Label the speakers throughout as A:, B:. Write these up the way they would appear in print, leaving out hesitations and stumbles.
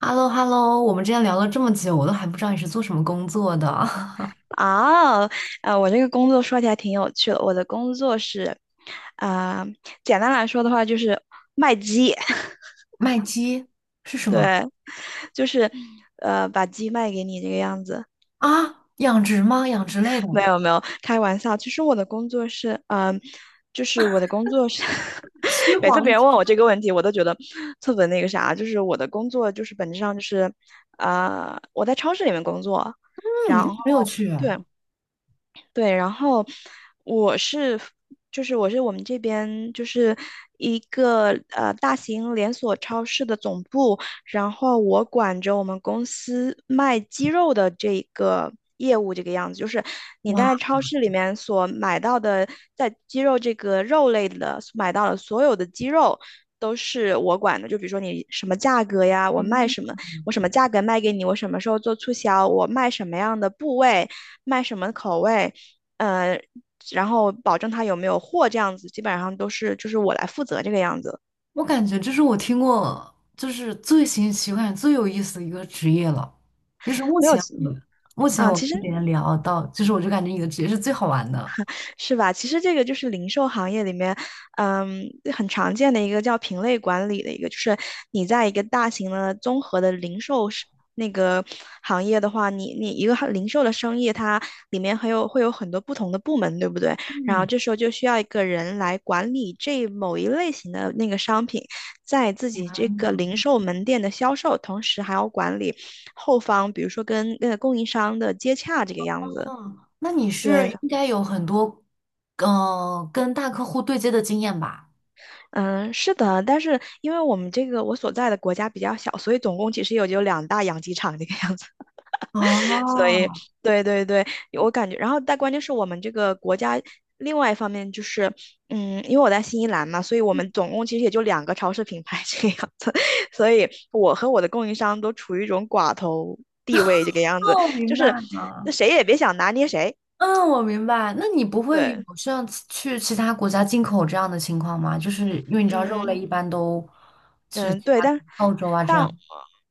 A: H e l l o h e l l o 我们之前聊了这么久，我都还不知道你是做什么工作的。
B: 啊，我这个工作说起来挺有趣的。我的工作是，啊、简单来说的话就是卖鸡，
A: 卖鸡是什么
B: 对，就是把鸡卖给你这个样子。
A: 啊？养殖吗？养殖类的？
B: 没有没有，开玩笑。其实我的工作是，就是我的工作是，
A: 虚
B: 每次
A: 黄？
B: 别
A: 一
B: 人
A: 下
B: 问我这个问题，我都觉得特别那个啥。就是我的工作就是本质上就是，我在超市里面工作，
A: 嗯，
B: 然后
A: 没有去。
B: 对。对，然后我是，我是我们这边就是一个大型连锁超市的总部，然后我管着我们公司卖鸡肉的这个业务，这个样子，就是你在
A: 哇，
B: 超市里面所买到的，在鸡肉这个肉类的买到的所有的鸡肉。都是我管的，就比如说你什么价格呀，我卖
A: 嗯，
B: 什么，我什么价格卖给你，我什么时候做促销，我卖什么样的部位，卖什么口味，呃，然后保证他有没有货这样子，基本上都是就是我来负责这个样子，
A: 我感觉这是我听过就是最新奇、我感觉最有意思的一个职业了。就是目
B: 没有
A: 前
B: 其，
A: 我目前
B: 啊、
A: 我
B: 其实
A: 跟别人聊到，就是我就感觉你的职业是最好玩的。
B: 是吧？其实这个就是零售行业里面，嗯，很常见的一个叫品类管理的一个，就是你在一个大型的综合的零售是那个行业的话，你一个零售的生意，它里面会有很多不同的部门，对不对？然后
A: 嗯，
B: 这时候就需要一个人来管理这某一类型的那个商品，在自己这个零售门店的销售，同时还要管理后方，比如说跟那供应商的接洽这个样子。
A: 嗯，那你是
B: 对，
A: 应该有很多跟大客户对接的经验吧？
B: 嗯，是的，但是因为我们这个我所在的国家比较小，所以总共其实也就两大养鸡场这个样子，所以
A: 哦，
B: 对对对，我感觉，然后但关键是我们这个国家另外一方面就是，因为我在新西兰嘛，所以我们总共其实也就两个超市品牌这个样子，所以我和我的供应商都处于一种寡头地位这个样子，
A: 哦，
B: 就
A: 明白
B: 是那
A: 了。
B: 谁也别想拿捏谁，
A: 嗯，我明白。那你不会
B: 对，
A: 有像去其他国家进口这样的情况吗？就是因为你知道肉类
B: 嗯。
A: 一般都去
B: 嗯，
A: 其
B: 对，
A: 他
B: 但
A: 澳洲啊这
B: 但
A: 样。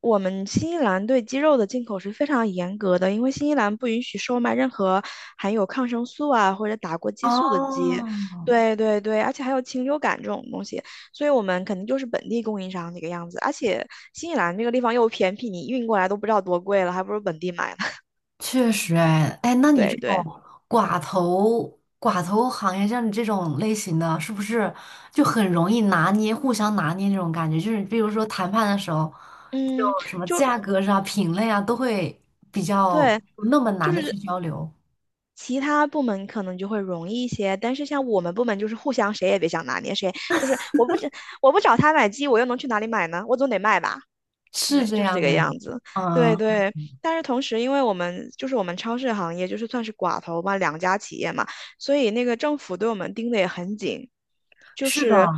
B: 我们新西兰对鸡肉的进口是非常严格的，因为新西兰不允许售卖任何含有抗生素啊或者打过激素的鸡。
A: 哦，
B: 对对对，而且还有禽流感这种东西，所以我们肯定就是本地供应商这个样子。而且新西兰这个地方又偏僻，你运过来都不知道多贵了，还不如本地买呢。
A: 确实哎，哎，那你这
B: 对对，
A: 种寡头行业，像你这种类型的，是不是就很容易拿捏，互相拿捏那种感觉？就是比如说谈判的时候，就
B: 嗯，
A: 什么
B: 就
A: 价格上、品类啊，都会比较
B: 对，
A: 不那么
B: 就
A: 难的
B: 是。
A: 去交流。
B: 其他部门可能就会容易一些，但是像我们部门就是互相谁也别想拿捏谁，就是我不找他买鸡，我又能去哪里买呢？我总得卖吧。
A: 是
B: 对，
A: 这
B: 就是这
A: 样
B: 个
A: 哎，
B: 样子。对
A: 嗯，
B: 对，但是同时，因为就是我们超市行业就是算是寡头嘛，两家企业嘛，所以那个政府对我们盯得也很紧。就
A: 是的，
B: 是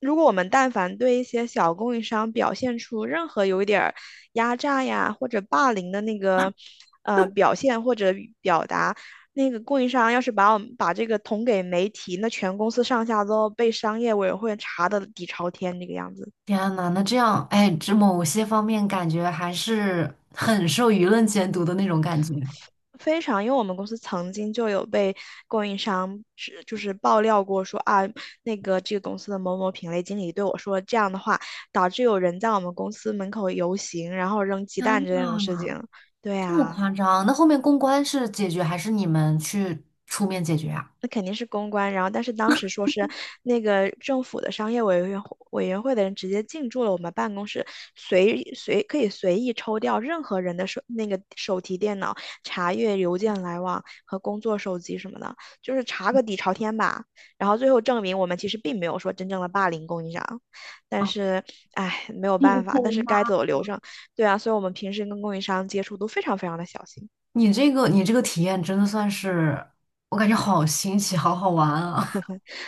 B: 如果我们但凡对一些小供应商表现出任何有一点儿压榨呀或者霸凌的那个表现或者表达，那个供应商要是把我们把这个捅给媒体，那全公司上下都要被商业委员会查的底朝天这个样子。
A: 天呐，那这样，哎，这某些方面感觉还是很受舆论监督的那种感觉。
B: 非常，因为我们公司曾经就有被供应商就是爆料过说啊，这个公司的某某品类经理对我说这样的话，导致有人在我们公司门口游行，然后扔鸡蛋
A: 天
B: 这种事
A: 呐，
B: 情。对
A: 这么
B: 啊。
A: 夸张？那后面公关是解决还是你们去出面解决啊？
B: 那肯定是公关。然后，但是当时说是那个政府的商业委员会的人直接进驻了我们办公室，可以随意抽调任何人的手那个手提电脑，查阅邮件来往和工作手机什么的，就是查个底朝天吧。然后最后证明我们其实并没有说真正的霸凌供应商，但
A: 啊，
B: 是唉没有办法，但是
A: 天
B: 该走流程。对啊，所以我们平时跟供应商接触都非常非常的小心。
A: 你这个体验真的算是，我感觉好新奇，好好玩啊！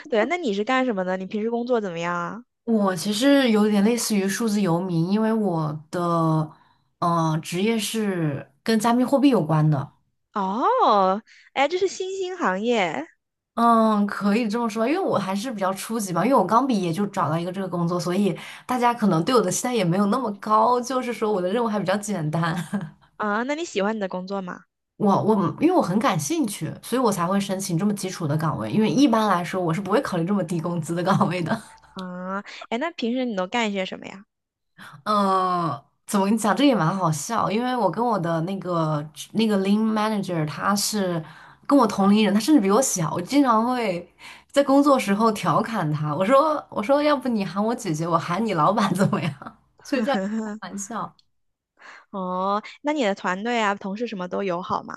B: 对啊，那你是干什么的？你平时工作怎么样啊？
A: 我其实有点类似于数字游民，因为我的职业是跟加密货币有关的。
B: 哦，哎，这是新兴行业
A: 嗯，可以这么说，因为我还是比较初级嘛，因为我刚毕业就找到一个这个工作，所以大家可能对我的期待也没有那么高，就是说我的任务还比较简单。
B: 啊，那你喜欢你的工作吗？
A: 我因为我很感兴趣，所以我才会申请这么基础的岗位，因为一般来说我是不会考虑这么低工资的岗位的。
B: 啊，哎，那平时你都干些什么呀？
A: 嗯，怎么跟你讲？这个也蛮好笑，因为我跟我的那个lean manager，他是跟我同龄人，他甚至比我小。我经常会在工作时候调侃他，我说，要不你喊我姐姐，我喊你老板怎么样？所以这样开玩笑。
B: 哦，那你的团队啊，同事什么都友好吗？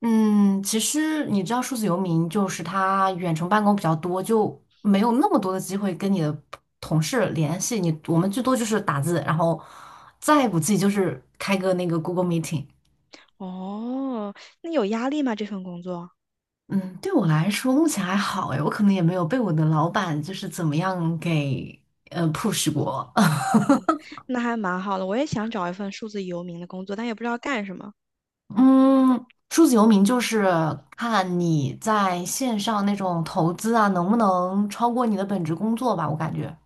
A: 嗯，其实你知道，数字游民就是他远程办公比较多，就没有那么多的机会跟你的同事联系。我们最多就是打字，然后再不济就是开个那个 Google Meeting。
B: 哦，那有压力吗？这份工作？
A: 嗯，对我来说目前还好诶，我可能也没有被我的老板就是怎么样给push 过。
B: 那还蛮好的，我也想找一份数字游民的工作，但也不知道干什么。
A: 嗯，数字游民就是看你在线上那种投资啊，能不能超过你的本职工作吧，我感觉。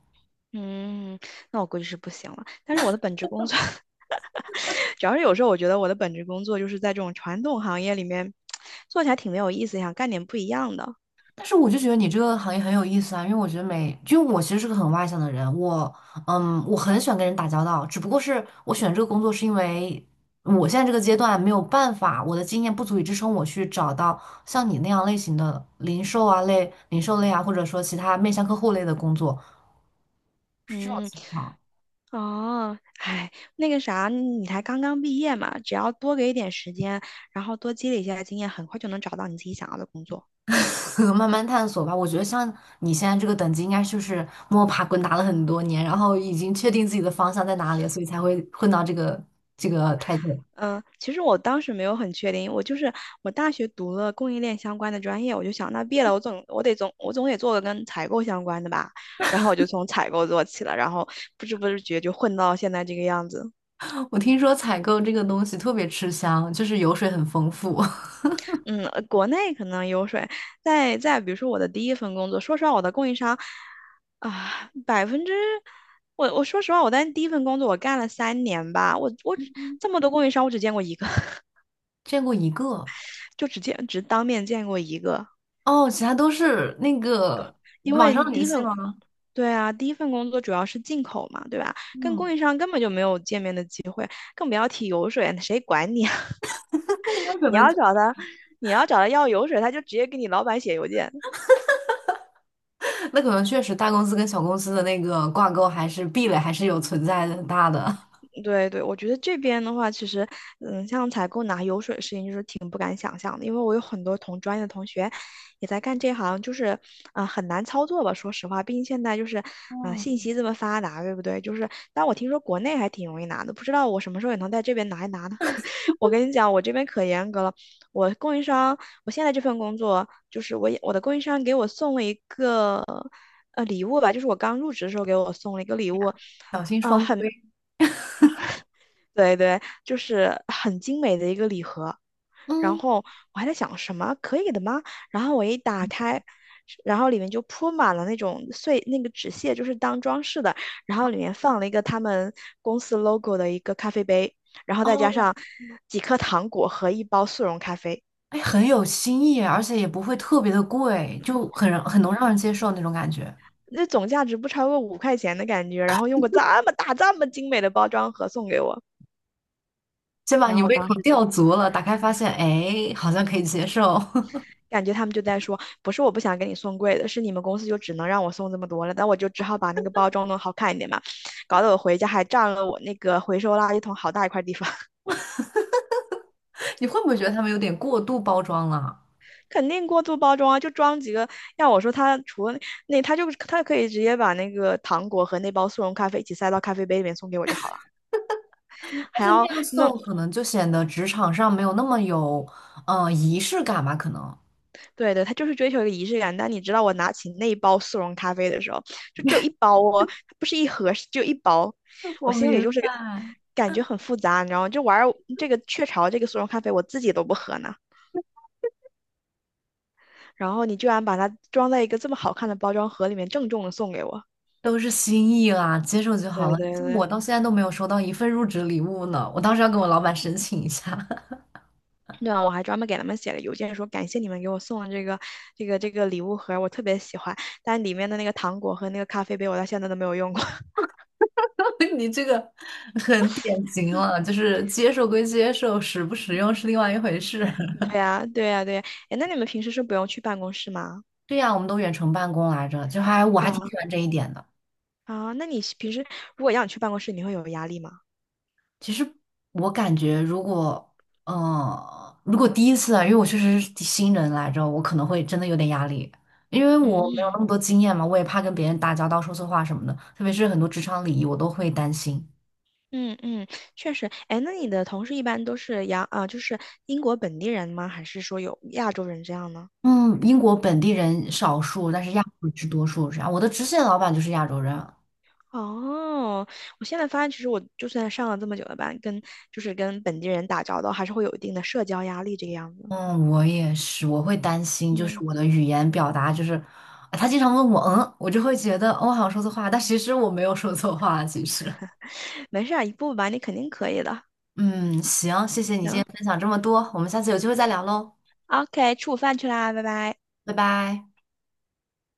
B: 嗯，那我估计是不行了。但是我的本职工作 主要是有时候我觉得我的本职工作就是在这种传统行业里面 做起来挺没有意思，想干点不一样的。
A: 但是我就觉得你这个行业很有意思啊，因为我觉得就我其实是个很外向的人，我很喜欢跟人打交道，只不过是我选这个工作是因为我现在这个阶段没有办法，我的经验不足以支撑我去找到像你那样类型的零售类啊，或者说其他面向客户类的工作，是这种
B: 嗯，
A: 情况，
B: 哦，哎，那个啥，你才刚刚毕业嘛，只要多给一点时间，然后多积累一下经验，很快就能找到你自己想要的工作。
A: 慢慢探索吧。我觉得像你现在这个等级，应该就是摸爬滚打了很多年，然后已经确定自己的方向在哪里了，所以才会混到这个态度。
B: 嗯，其实我当时没有很确定，就是我大学读了供应链相关的专业，我就想那毕业了，我总得做个跟采购相关的吧，然后我就从采购做起了，然后不知不觉就混到现在这个样子。
A: 我听说采购这个东西特别吃香，就是油水很丰富。
B: 嗯，国内可能有水，在比如说我的第一份工作，说实话，我的供应商啊，百分之我说实话，我在第一份工作我干了3年吧，我只这么多供应商，我只见过一个，
A: 见过一个
B: 就只当面见过一个，
A: 哦，其他都是那个
B: 因
A: 网上
B: 为第
A: 联
B: 一份
A: 系吗？
B: 对啊，第一份工作主要是进口嘛，对吧？跟
A: 嗯，
B: 供应商根本就没有见面的机会，更不要提油水，谁管你啊？
A: 那那可
B: 你
A: 能
B: 要
A: 就
B: 找他，你要找他要油水，他就直接给你老板写邮件。
A: 那可能确实大公司跟小公司的那个挂钩还是壁垒还是有存在的很大的。
B: 对对，我觉得这边的话，其实，像采购拿油水的事情，就是挺不敢想象的，因为我有很多同专业的同学也在干这行，就是，很难操作吧？说实话，毕竟现在就是，
A: 哦，
B: 信息这么发达，对不对？就是，但我听说国内还挺容易拿的，不知道我什么时候也能在这边拿一拿呢？我跟你讲，我这边可严格了，我供应商，我现在这份工作，就是我的供应商给我送了一个。礼物吧，就是我刚入职的时候给我送了一个礼物，
A: 小心双规。
B: 对对，就是很精美的一个礼盒。然
A: 嗯，
B: 后我还在想什么可以的吗？然后我一打开，然后里面就铺满了那种碎那个纸屑，就是当装饰的。然后里面放了一个他们公司 logo 的一个咖啡杯，然后再
A: 哦，
B: 加上几颗糖果和一包速溶咖啡，
A: 哎，很有新意，而且也不会特别的贵，就很让很能让人接受那种感觉。
B: 那总价值不超过5块钱的感觉。然后用个这么大、这么精美的包装盒送给我，
A: 先把
B: 然
A: 你
B: 后我
A: 胃
B: 当
A: 口
B: 时就。
A: 吊足了，打开发现，哎，好像可以接受。
B: 感觉他们就在说，不是我不想给你送贵的，是你们公司就只能让我送这么多了，那我就只好把那个包装弄好看一点嘛，搞得我回家还占了我那个回收垃圾桶好大一块地方，
A: 你会不会觉得他们有点过度包装了？
B: 肯定过度包装啊，就装几个。要我说，他除了那，他就他可以直接把那个糖果和那包速溶咖啡一起塞到咖啡杯里面送给我就好了，
A: 但
B: 还
A: 是
B: 要
A: 那样
B: 弄
A: 送可能就显得职场上没有那么有，仪式感吧？可能
B: 对对，他就是追求一个仪式感。但你知道，我拿起那一包速溶咖啡的时候，就只有一包哦，它不是一盒，是只有一包，
A: 我
B: 我心里
A: 明
B: 就是
A: 白。
B: 感觉很复杂，你知道吗？就玩儿这个雀巢这个速溶咖啡，我自己都不喝呢。然后你居然把它装在一个这么好看的包装盒里面，郑重的送给我。
A: 都是心意啦，接受就好
B: 对
A: 了。
B: 对
A: 像我
B: 对。
A: 到现在都没有收到一份入职礼物呢，我当时要跟我老板申请一下。
B: 对啊，我还专门给他们写了邮件，说感谢你们给我送的这个礼物盒，我特别喜欢。但里面的那个糖果和那个咖啡杯，我到现在都没有用过。
A: 你这个很典型了，就是接受归接受，实不实用是另外一回事。
B: 对呀，对呀，对呀。哎，那你们平时是不用去办公室吗？
A: 对呀，我们都远程办公来着，就还我还挺
B: 啊
A: 喜欢这一点的。
B: 啊，那你平时如果要你去办公室，你会有压力吗？
A: 其实我感觉，如果第一次啊，因为我确实是新人来着，我可能会真的有点压力，因为我没有
B: 嗯
A: 那么多经验嘛，我也怕跟别人打交道说错话什么的，特别是很多职场礼仪，我都会担心。
B: 嗯嗯，确实。哎，那你的同事一般都是就是英国本地人吗？还是说有亚洲人这样呢？
A: 嗯，英国本地人少数，但是亚洲人是多数，这样。我的直线老板就是亚洲人。
B: 哦，我现在发现，其实我就算上了这么久的班，就是跟本地人打交道，还是会有一定的社交压力这个样子。
A: 嗯，我也是，我会担心，就是
B: 嗯，
A: 我的语言表达，就是啊他经常问我，嗯，我就会觉得，哦我好像说错话，但其实我没有说错话，其实。
B: 没事儿，一步步吧，你肯定可以的。
A: 嗯，行，谢谢你今天
B: 行
A: 分享这么多，我们下次有机会再聊喽，
B: ，OK,吃午饭去啦，拜拜。
A: 拜拜。